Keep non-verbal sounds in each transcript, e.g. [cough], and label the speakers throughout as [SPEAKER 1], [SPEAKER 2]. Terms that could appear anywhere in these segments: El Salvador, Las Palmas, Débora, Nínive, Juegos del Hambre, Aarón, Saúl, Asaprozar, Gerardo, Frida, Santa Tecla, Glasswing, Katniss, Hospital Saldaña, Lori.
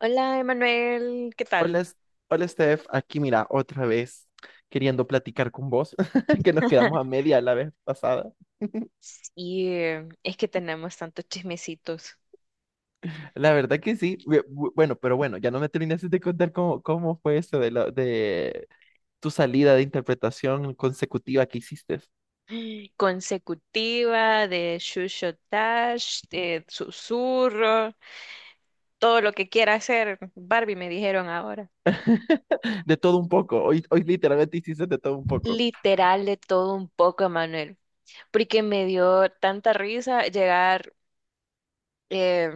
[SPEAKER 1] Hola, Emanuel, ¿qué
[SPEAKER 2] Hola,
[SPEAKER 1] tal?
[SPEAKER 2] Hola Steph, aquí mira, otra vez queriendo platicar con vos, [laughs] que nos quedamos a
[SPEAKER 1] [laughs]
[SPEAKER 2] media la vez pasada.
[SPEAKER 1] Y es que tenemos tantos chismecitos.
[SPEAKER 2] La verdad que sí, bueno, ya no me terminaste de contar cómo fue eso de, de tu salida de interpretación consecutiva que hiciste.
[SPEAKER 1] Consecutiva, de shushotash, de susurro, todo lo que quiera hacer. Barbie me dijeron ahora.
[SPEAKER 2] [laughs] De todo un poco, hoy literalmente hiciste de todo un poco.
[SPEAKER 1] Literal de todo un poco, Emanuel. Porque me dio tanta risa llegar eh,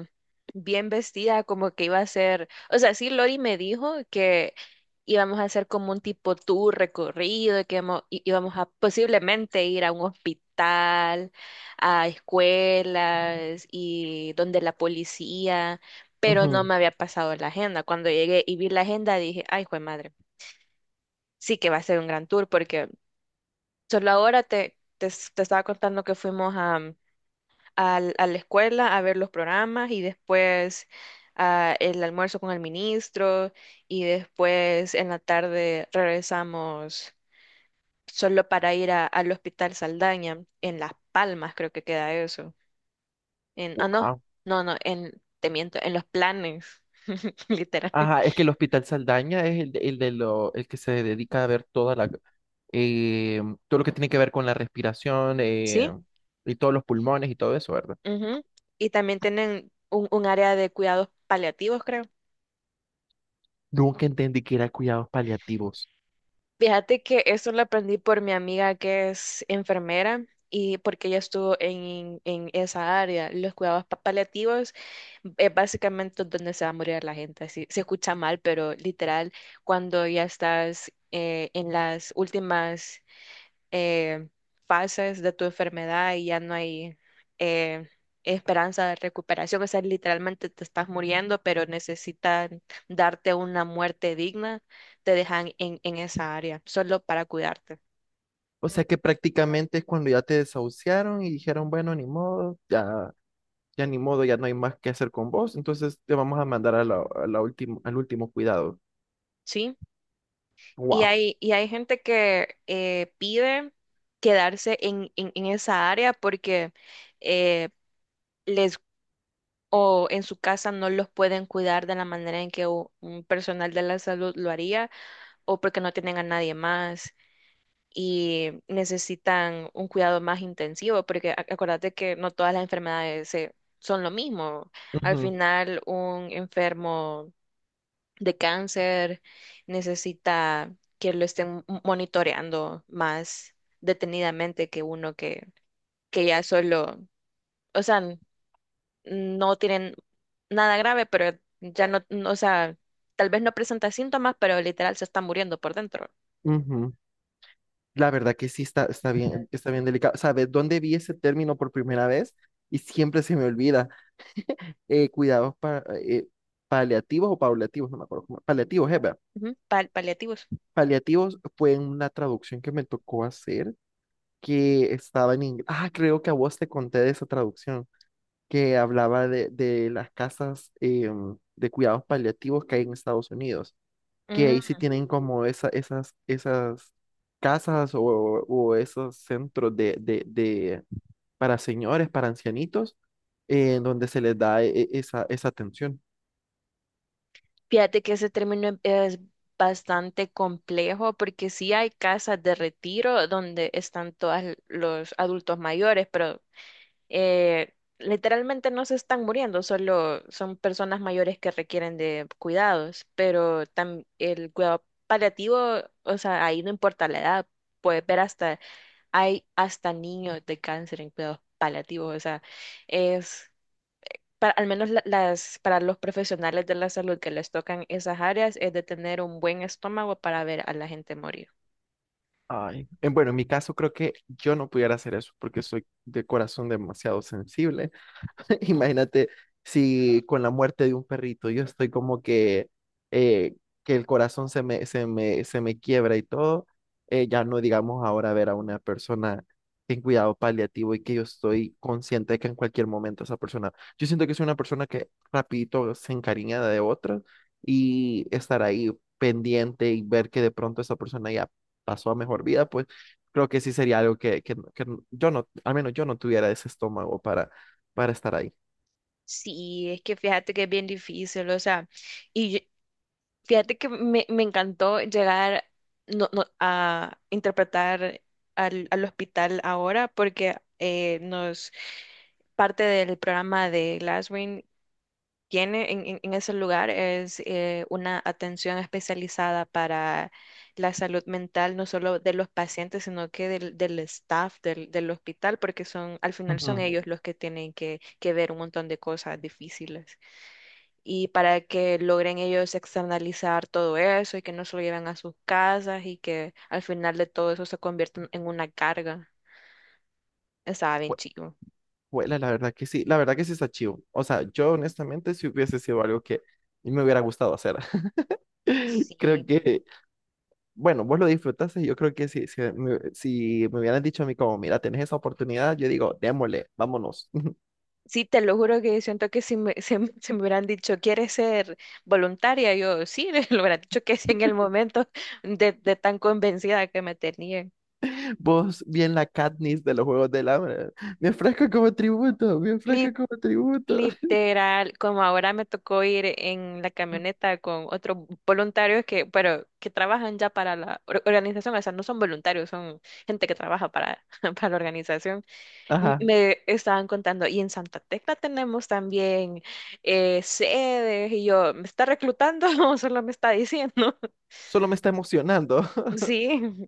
[SPEAKER 1] bien vestida, como que iba a ser, o sea, sí, Lori me dijo que íbamos a hacer como un tipo tour recorrido, y que íbamos, íbamos a posiblemente ir a un hospital, a escuelas y donde la policía, pero no
[SPEAKER 2] Ujú.
[SPEAKER 1] me había pasado la agenda. Cuando llegué y vi la agenda dije, ay, jue madre, sí que va a ser un gran tour porque solo ahora te estaba contando que fuimos a a la escuela a ver los programas y después ah, el almuerzo con el ministro y después en la tarde regresamos solo para ir al Hospital Saldaña, en Las Palmas creo que queda eso. En, ah,
[SPEAKER 2] Wow.
[SPEAKER 1] no, en, te miento, en los planes, [laughs] literal.
[SPEAKER 2] Ajá, es que el Hospital Saldaña es el que se dedica a ver toda eh, todo lo que tiene que ver con la respiración,
[SPEAKER 1] Sí,
[SPEAKER 2] y todos los pulmones y todo eso, ¿verdad?
[SPEAKER 1] ujú. Y también tienen un área de cuidados paliativos, creo.
[SPEAKER 2] Nunca entendí que era cuidados paliativos.
[SPEAKER 1] Fíjate que eso lo aprendí por mi amiga que es enfermera y porque ella estuvo en esa área. Los cuidados paliativos es básicamente donde se va a morir la gente. Así, se escucha mal, pero literal, cuando ya estás en las últimas eh, fases de tu enfermedad y ya no hay eh, esperanza de recuperación. O sea, literalmente te estás muriendo, pero necesitan darte una muerte digna, te dejan en esa área, solo para cuidarte,
[SPEAKER 2] O sea que prácticamente es cuando ya te desahuciaron y dijeron, bueno, ni modo, ya ni modo, ya no hay más que hacer con vos, entonces te vamos a mandar a la al último cuidado.
[SPEAKER 1] ¿sí?
[SPEAKER 2] Wow.
[SPEAKER 1] Y hay gente que pide quedarse en esa área porque eh, les... o en su casa no los pueden cuidar de la manera en que un personal de la salud lo haría, o porque no tienen a nadie más. Y necesitan un cuidado más intensivo, porque acuérdate que no todas las enfermedades son lo mismo. Al
[SPEAKER 2] Ujú,
[SPEAKER 1] final, un enfermo de cáncer necesita que lo estén monitoreando más detenidamente que uno que ya solo, o sea, no tienen nada grave, pero ya no, o sea, tal vez no presenta síntomas, pero literal se está muriendo por dentro.
[SPEAKER 2] ujú. La verdad que sí está, está bien delicado. ¿Sabes dónde vi ese término por primera vez? Y siempre se me olvida. Cuidados paliativos o paliativos, no me acuerdo cómo, paliativos, es verdad.
[SPEAKER 1] Ujú, paliativos.
[SPEAKER 2] Paliativos fue una traducción que me tocó hacer que estaba en inglés. Ah, creo que a vos te conté de esa traducción que hablaba de las casas de cuidados paliativos que hay en Estados Unidos, que ahí sí tienen como esas casas o esos centros para señores, para ancianitos, en donde se les da esa atención.
[SPEAKER 1] Fíjate que ese término es bastante complejo porque sí hay casas de retiro donde están todos los adultos mayores, pero eh, literalmente no se están muriendo, solo son personas mayores que requieren de cuidados, pero el cuidado paliativo, o sea, ahí no importa la edad, puedes ver hasta, hay hasta niños de cáncer en cuidados paliativos, o sea, es para, al menos para los profesionales de la salud que les tocan esas áreas, es de tener un buen estómago para ver a la gente morir.
[SPEAKER 2] Ay, bueno, en mi caso creo que yo no pudiera hacer eso porque soy de corazón demasiado sensible. [laughs] Imagínate si con la muerte de un perrito yo estoy como eh, que el corazón se me quiebra y todo, ya no digamos ahora ver a una persona en cuidado paliativo y que yo estoy consciente de que en cualquier momento esa persona, yo siento que soy una persona que rapidito se encariña de otra y estar ahí pendiente y ver que de pronto esa persona ya pasó a mejor vida, pues creo que sí sería algo que yo no, al menos yo no tuviera ese estómago para estar ahí.
[SPEAKER 1] Sí, es que fíjate que es bien difícil, o sea, y yo- fíjate que me encantó llegar a interpretar al hospital ahora porque nos parte del programa de Glasswing tiene en, en ese lugar es una atención especializada para la salud mental, no solo de los pacientes, sino que del staff del hospital, porque son, al final son
[SPEAKER 2] Ujú.
[SPEAKER 1] ellos los que tienen que ver un montón de cosas difíciles. Y para que logren ellos externalizar todo eso y que no se lo lleven a sus casas y que al final de todo eso se convierta en una carga. Estaba bien
[SPEAKER 2] Hue-
[SPEAKER 1] chido.
[SPEAKER 2] Huela, la verdad que sí, la verdad que sí está chido. O sea, yo honestamente sí hubiese sido algo que me hubiera gustado hacer. [laughs] Creo
[SPEAKER 1] Sí,
[SPEAKER 2] que, bueno, vos lo disfrutaste, yo creo que si me hubieran dicho a mí como, mira, tenés esa oportunidad, yo digo, démosle, vámonos. [laughs]
[SPEAKER 1] sí, te lo juro que siento que si me, [laughs] se, me hubieran dicho, ¿quieres ser voluntaria? Yo sí, [laughs] lo hubieran dicho que sí en el momento de tan convencida que me tenía.
[SPEAKER 2] Vos, bien la Katniss de los Juegos del Hambre, me ofrezco como tributo, me ofrezco
[SPEAKER 1] Li-
[SPEAKER 2] como tributo.
[SPEAKER 1] Literal, como ahora me tocó ir en la camioneta con otros voluntarios que, pero que trabajan ya para la organización, o sea, no son voluntarios, son gente que trabaja para, [laughs] para la organización.
[SPEAKER 2] [laughs] Ajá.
[SPEAKER 1] Me estaban contando, y en Santa Tecla tenemos también sedes, y yo, ¿me está reclutando [laughs] o solo me está diciendo? [laughs]
[SPEAKER 2] Solo me está emocionando.
[SPEAKER 1] Sí,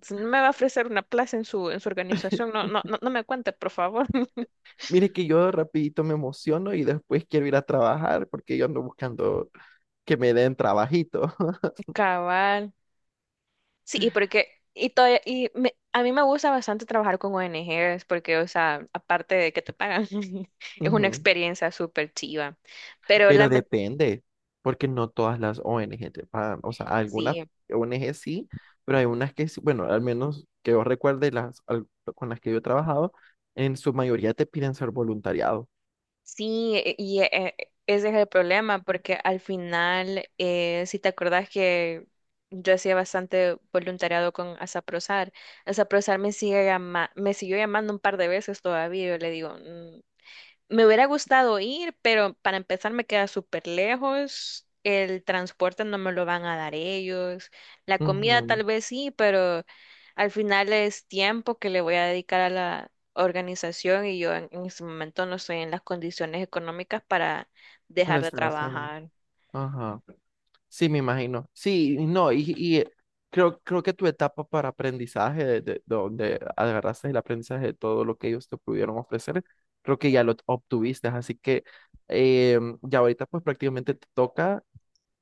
[SPEAKER 1] si no me va a ofrecer una plaza en su organización,
[SPEAKER 2] [laughs]
[SPEAKER 1] no, no, no, no me cuente, por favor. [laughs]
[SPEAKER 2] Mire que yo rapidito me emociono y después quiero ir a trabajar porque yo ando buscando que me den trabajito.
[SPEAKER 1] Cabal. Sí, y porque, y todavía, y a mí me gusta bastante trabajar con ONGs, porque, o sea, aparte de que te pagan, [laughs]
[SPEAKER 2] [laughs]
[SPEAKER 1] es una
[SPEAKER 2] Ujú.
[SPEAKER 1] experiencia súper chiva, pero
[SPEAKER 2] Pero depende, porque no todas las ONG te pagan. O sea, algunas
[SPEAKER 1] sí.
[SPEAKER 2] ONG sí, pero hay unas que, bueno, al menos que yo recuerde con las que yo he trabajado, en su mayoría te piden ser voluntariado.
[SPEAKER 1] Sí, ese es el problema, porque al final, si te acordás que yo hacía bastante voluntariado con Asaprozar, Asaprozar me sigue me siguió llamando un par de veces todavía, yo le digo, "Mm, me hubiera gustado ir, pero para empezar me queda súper lejos. El transporte no me lo van a dar ellos. La comida
[SPEAKER 2] Ujú.
[SPEAKER 1] tal vez sí, pero al final es tiempo que le voy a dedicar a la organización y yo en este momento no estoy en las condiciones económicas para
[SPEAKER 2] Para
[SPEAKER 1] dejar de
[SPEAKER 2] estar haciendo.
[SPEAKER 1] trabajar.
[SPEAKER 2] Sí, me imagino. Sí, no, y creo que tu etapa para aprendizaje, de donde agarraste el aprendizaje de todo lo que ellos te pudieron ofrecer, creo que ya lo obtuviste. Así que ya ahorita pues prácticamente te toca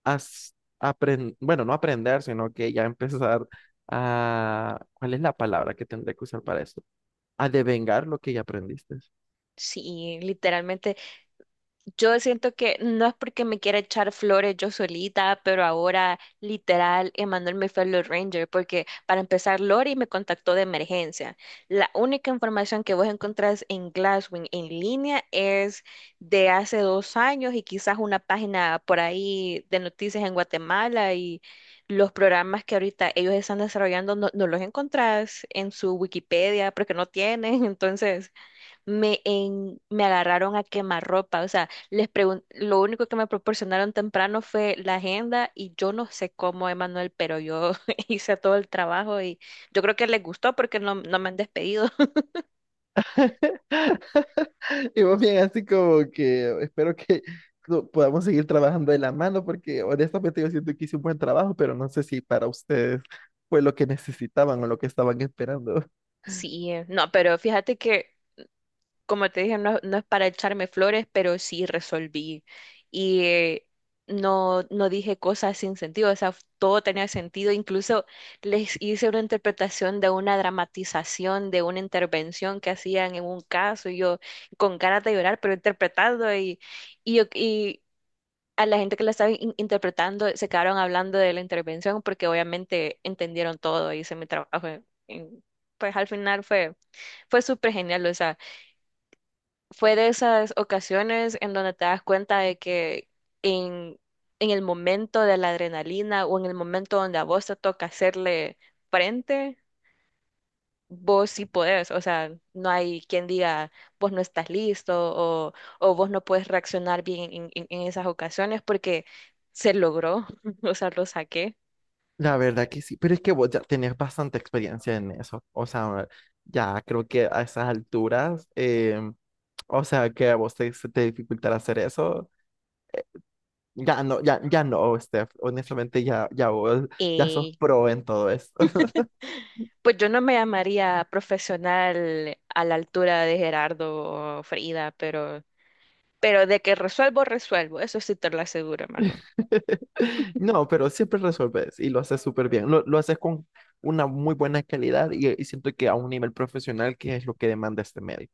[SPEAKER 2] as- bueno, no aprender, sino que ya empezar a, ¿cuál es la palabra que tendré que usar para eso? A devengar lo que ya aprendiste.
[SPEAKER 1] Sí, literalmente. Yo siento que no es porque me quiera echar flores yo solita, pero ahora literal Emanuel me fue a los Rangers, porque para empezar Lori me contactó de emergencia. La única información que vos encontrás en Glasswing en línea es de hace 2 años y quizás una página por ahí de noticias en Guatemala y los programas que ahorita ellos están desarrollando no los encontrás en su Wikipedia porque no tienen, [laughs] entonces me, en, me agarraron a quemarropa, o sea, les lo único que me proporcionaron temprano fue la agenda y yo no sé cómo, Emanuel, pero yo [laughs] hice todo el trabajo y yo creo que les gustó porque no, no me han despedido. [laughs]
[SPEAKER 2] Y más bien así como que espero que podamos seguir trabajando de la mano porque honestamente yo siento que hice un buen trabajo, pero no sé si para ustedes fue lo que necesitaban o lo que estaban esperando.
[SPEAKER 1] Sí, no, pero fíjate que como te dije, no, no es para echarme flores, pero sí resolví. Y no, no dije cosas sin sentido, o sea, todo tenía sentido. Incluso les hice una interpretación de una dramatización, de una intervención que hacían en un caso, y yo con ganas de llorar, pero interpretando y, y a la gente que la estaba interpretando se quedaron hablando de la intervención porque obviamente entendieron todo, hice mi trabajo. Pues al final fue súper genial, o sea, fue de esas ocasiones en donde te das cuenta de que en, en el momento de la adrenalina o en el momento donde a vos te toca hacerle frente, vos sí podés. O sea, no hay quien diga vos no estás listo, o vos no puedes reaccionar bien en, en esas ocasiones porque se logró, [laughs] o sea, lo saqué.
[SPEAKER 2] La verdad que sí, pero es que vos ya tenés bastante experiencia en eso. O sea, ya creo que a esas alturas, o sea, que a se te dificultará hacer eso. Ya no, ya no, Steph. Honestamente, ya vos, ya sos
[SPEAKER 1] Y
[SPEAKER 2] pro en todo.
[SPEAKER 1] pues yo no me llamaría profesional a la altura de Gerardo o Frida, pero... Pero de que resuelvo, resuelvo. Eso sí te lo aseguro, hermano.
[SPEAKER 2] [laughs] No, pero siempre resolves y lo haces súper bien. Lo haces con una muy buena calidad y siento que a un nivel profesional que es lo que demanda este medio.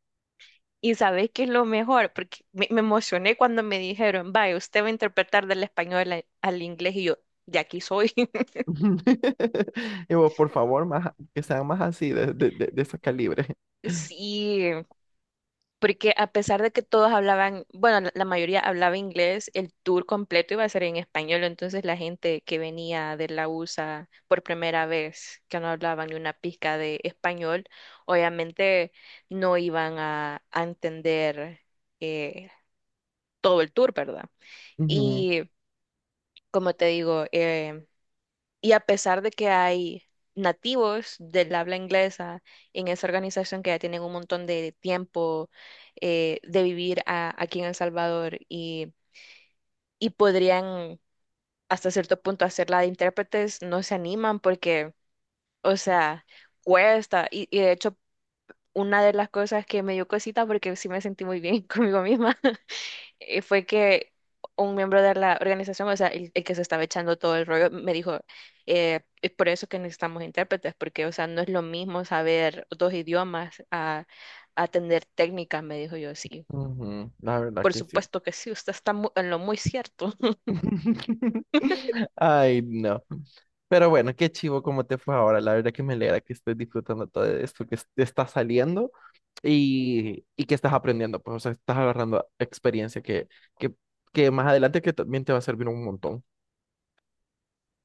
[SPEAKER 1] Y sabes qué es lo mejor, porque me emocioné cuando me dijeron, vaya, usted va a interpretar del español al inglés y yo, de aquí soy. [laughs]
[SPEAKER 2] [laughs] Y vos, por favor, más, que sean más así, de ese calibre.
[SPEAKER 1] Sí, porque a pesar de que todos hablaban, bueno, la mayoría hablaba inglés, el tour completo iba a ser en español, entonces la gente que venía de la USA por primera vez, que no hablaban ni una pizca de español, obviamente no iban a entender. eh, Todo el tour, ¿verdad?
[SPEAKER 2] Ujú,
[SPEAKER 1] Y como te digo, y a pesar de que hay nativos del habla inglesa en esa organización que ya tienen un montón de tiempo de vivir aquí en El Salvador y podrían hasta cierto punto hacerla de intérpretes, no se animan porque, o sea, cuesta. Y de hecho, una de las cosas que me dio cosita porque sí me sentí muy bien [laughs] conmigo misma fue que un miembro de la organización, o sea, el que se estaba echando todo el rollo, me dijo, es por eso que necesitamos intérpretes, porque, o sea, no es lo mismo saber dos idiomas a atender técnicas, me dijo yo, sí.
[SPEAKER 2] ujú, la verdad
[SPEAKER 1] Por
[SPEAKER 2] que sí.
[SPEAKER 1] supuesto que sí, usted está en lo muy cierto. [laughs]
[SPEAKER 2] [laughs] Ay, no. Pero bueno, qué chivo cómo te fue ahora. La verdad que me alegra que estés disfrutando todo esto que te está saliendo. Y que estás aprendiendo, pues, o sea, estás agarrando experiencia que, que más adelante que también te va a servir un montón.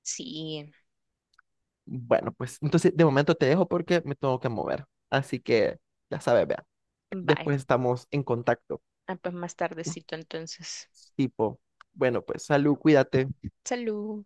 [SPEAKER 1] Sí,
[SPEAKER 2] Bueno, pues entonces de momento te dejo porque me tengo que mover. Así que ya sabes, vea.
[SPEAKER 1] bye.
[SPEAKER 2] Después estamos en contacto.
[SPEAKER 1] Ah, pues más tardecito entonces.
[SPEAKER 2] Tipo, bueno, pues salud, cuídate.
[SPEAKER 1] Salud.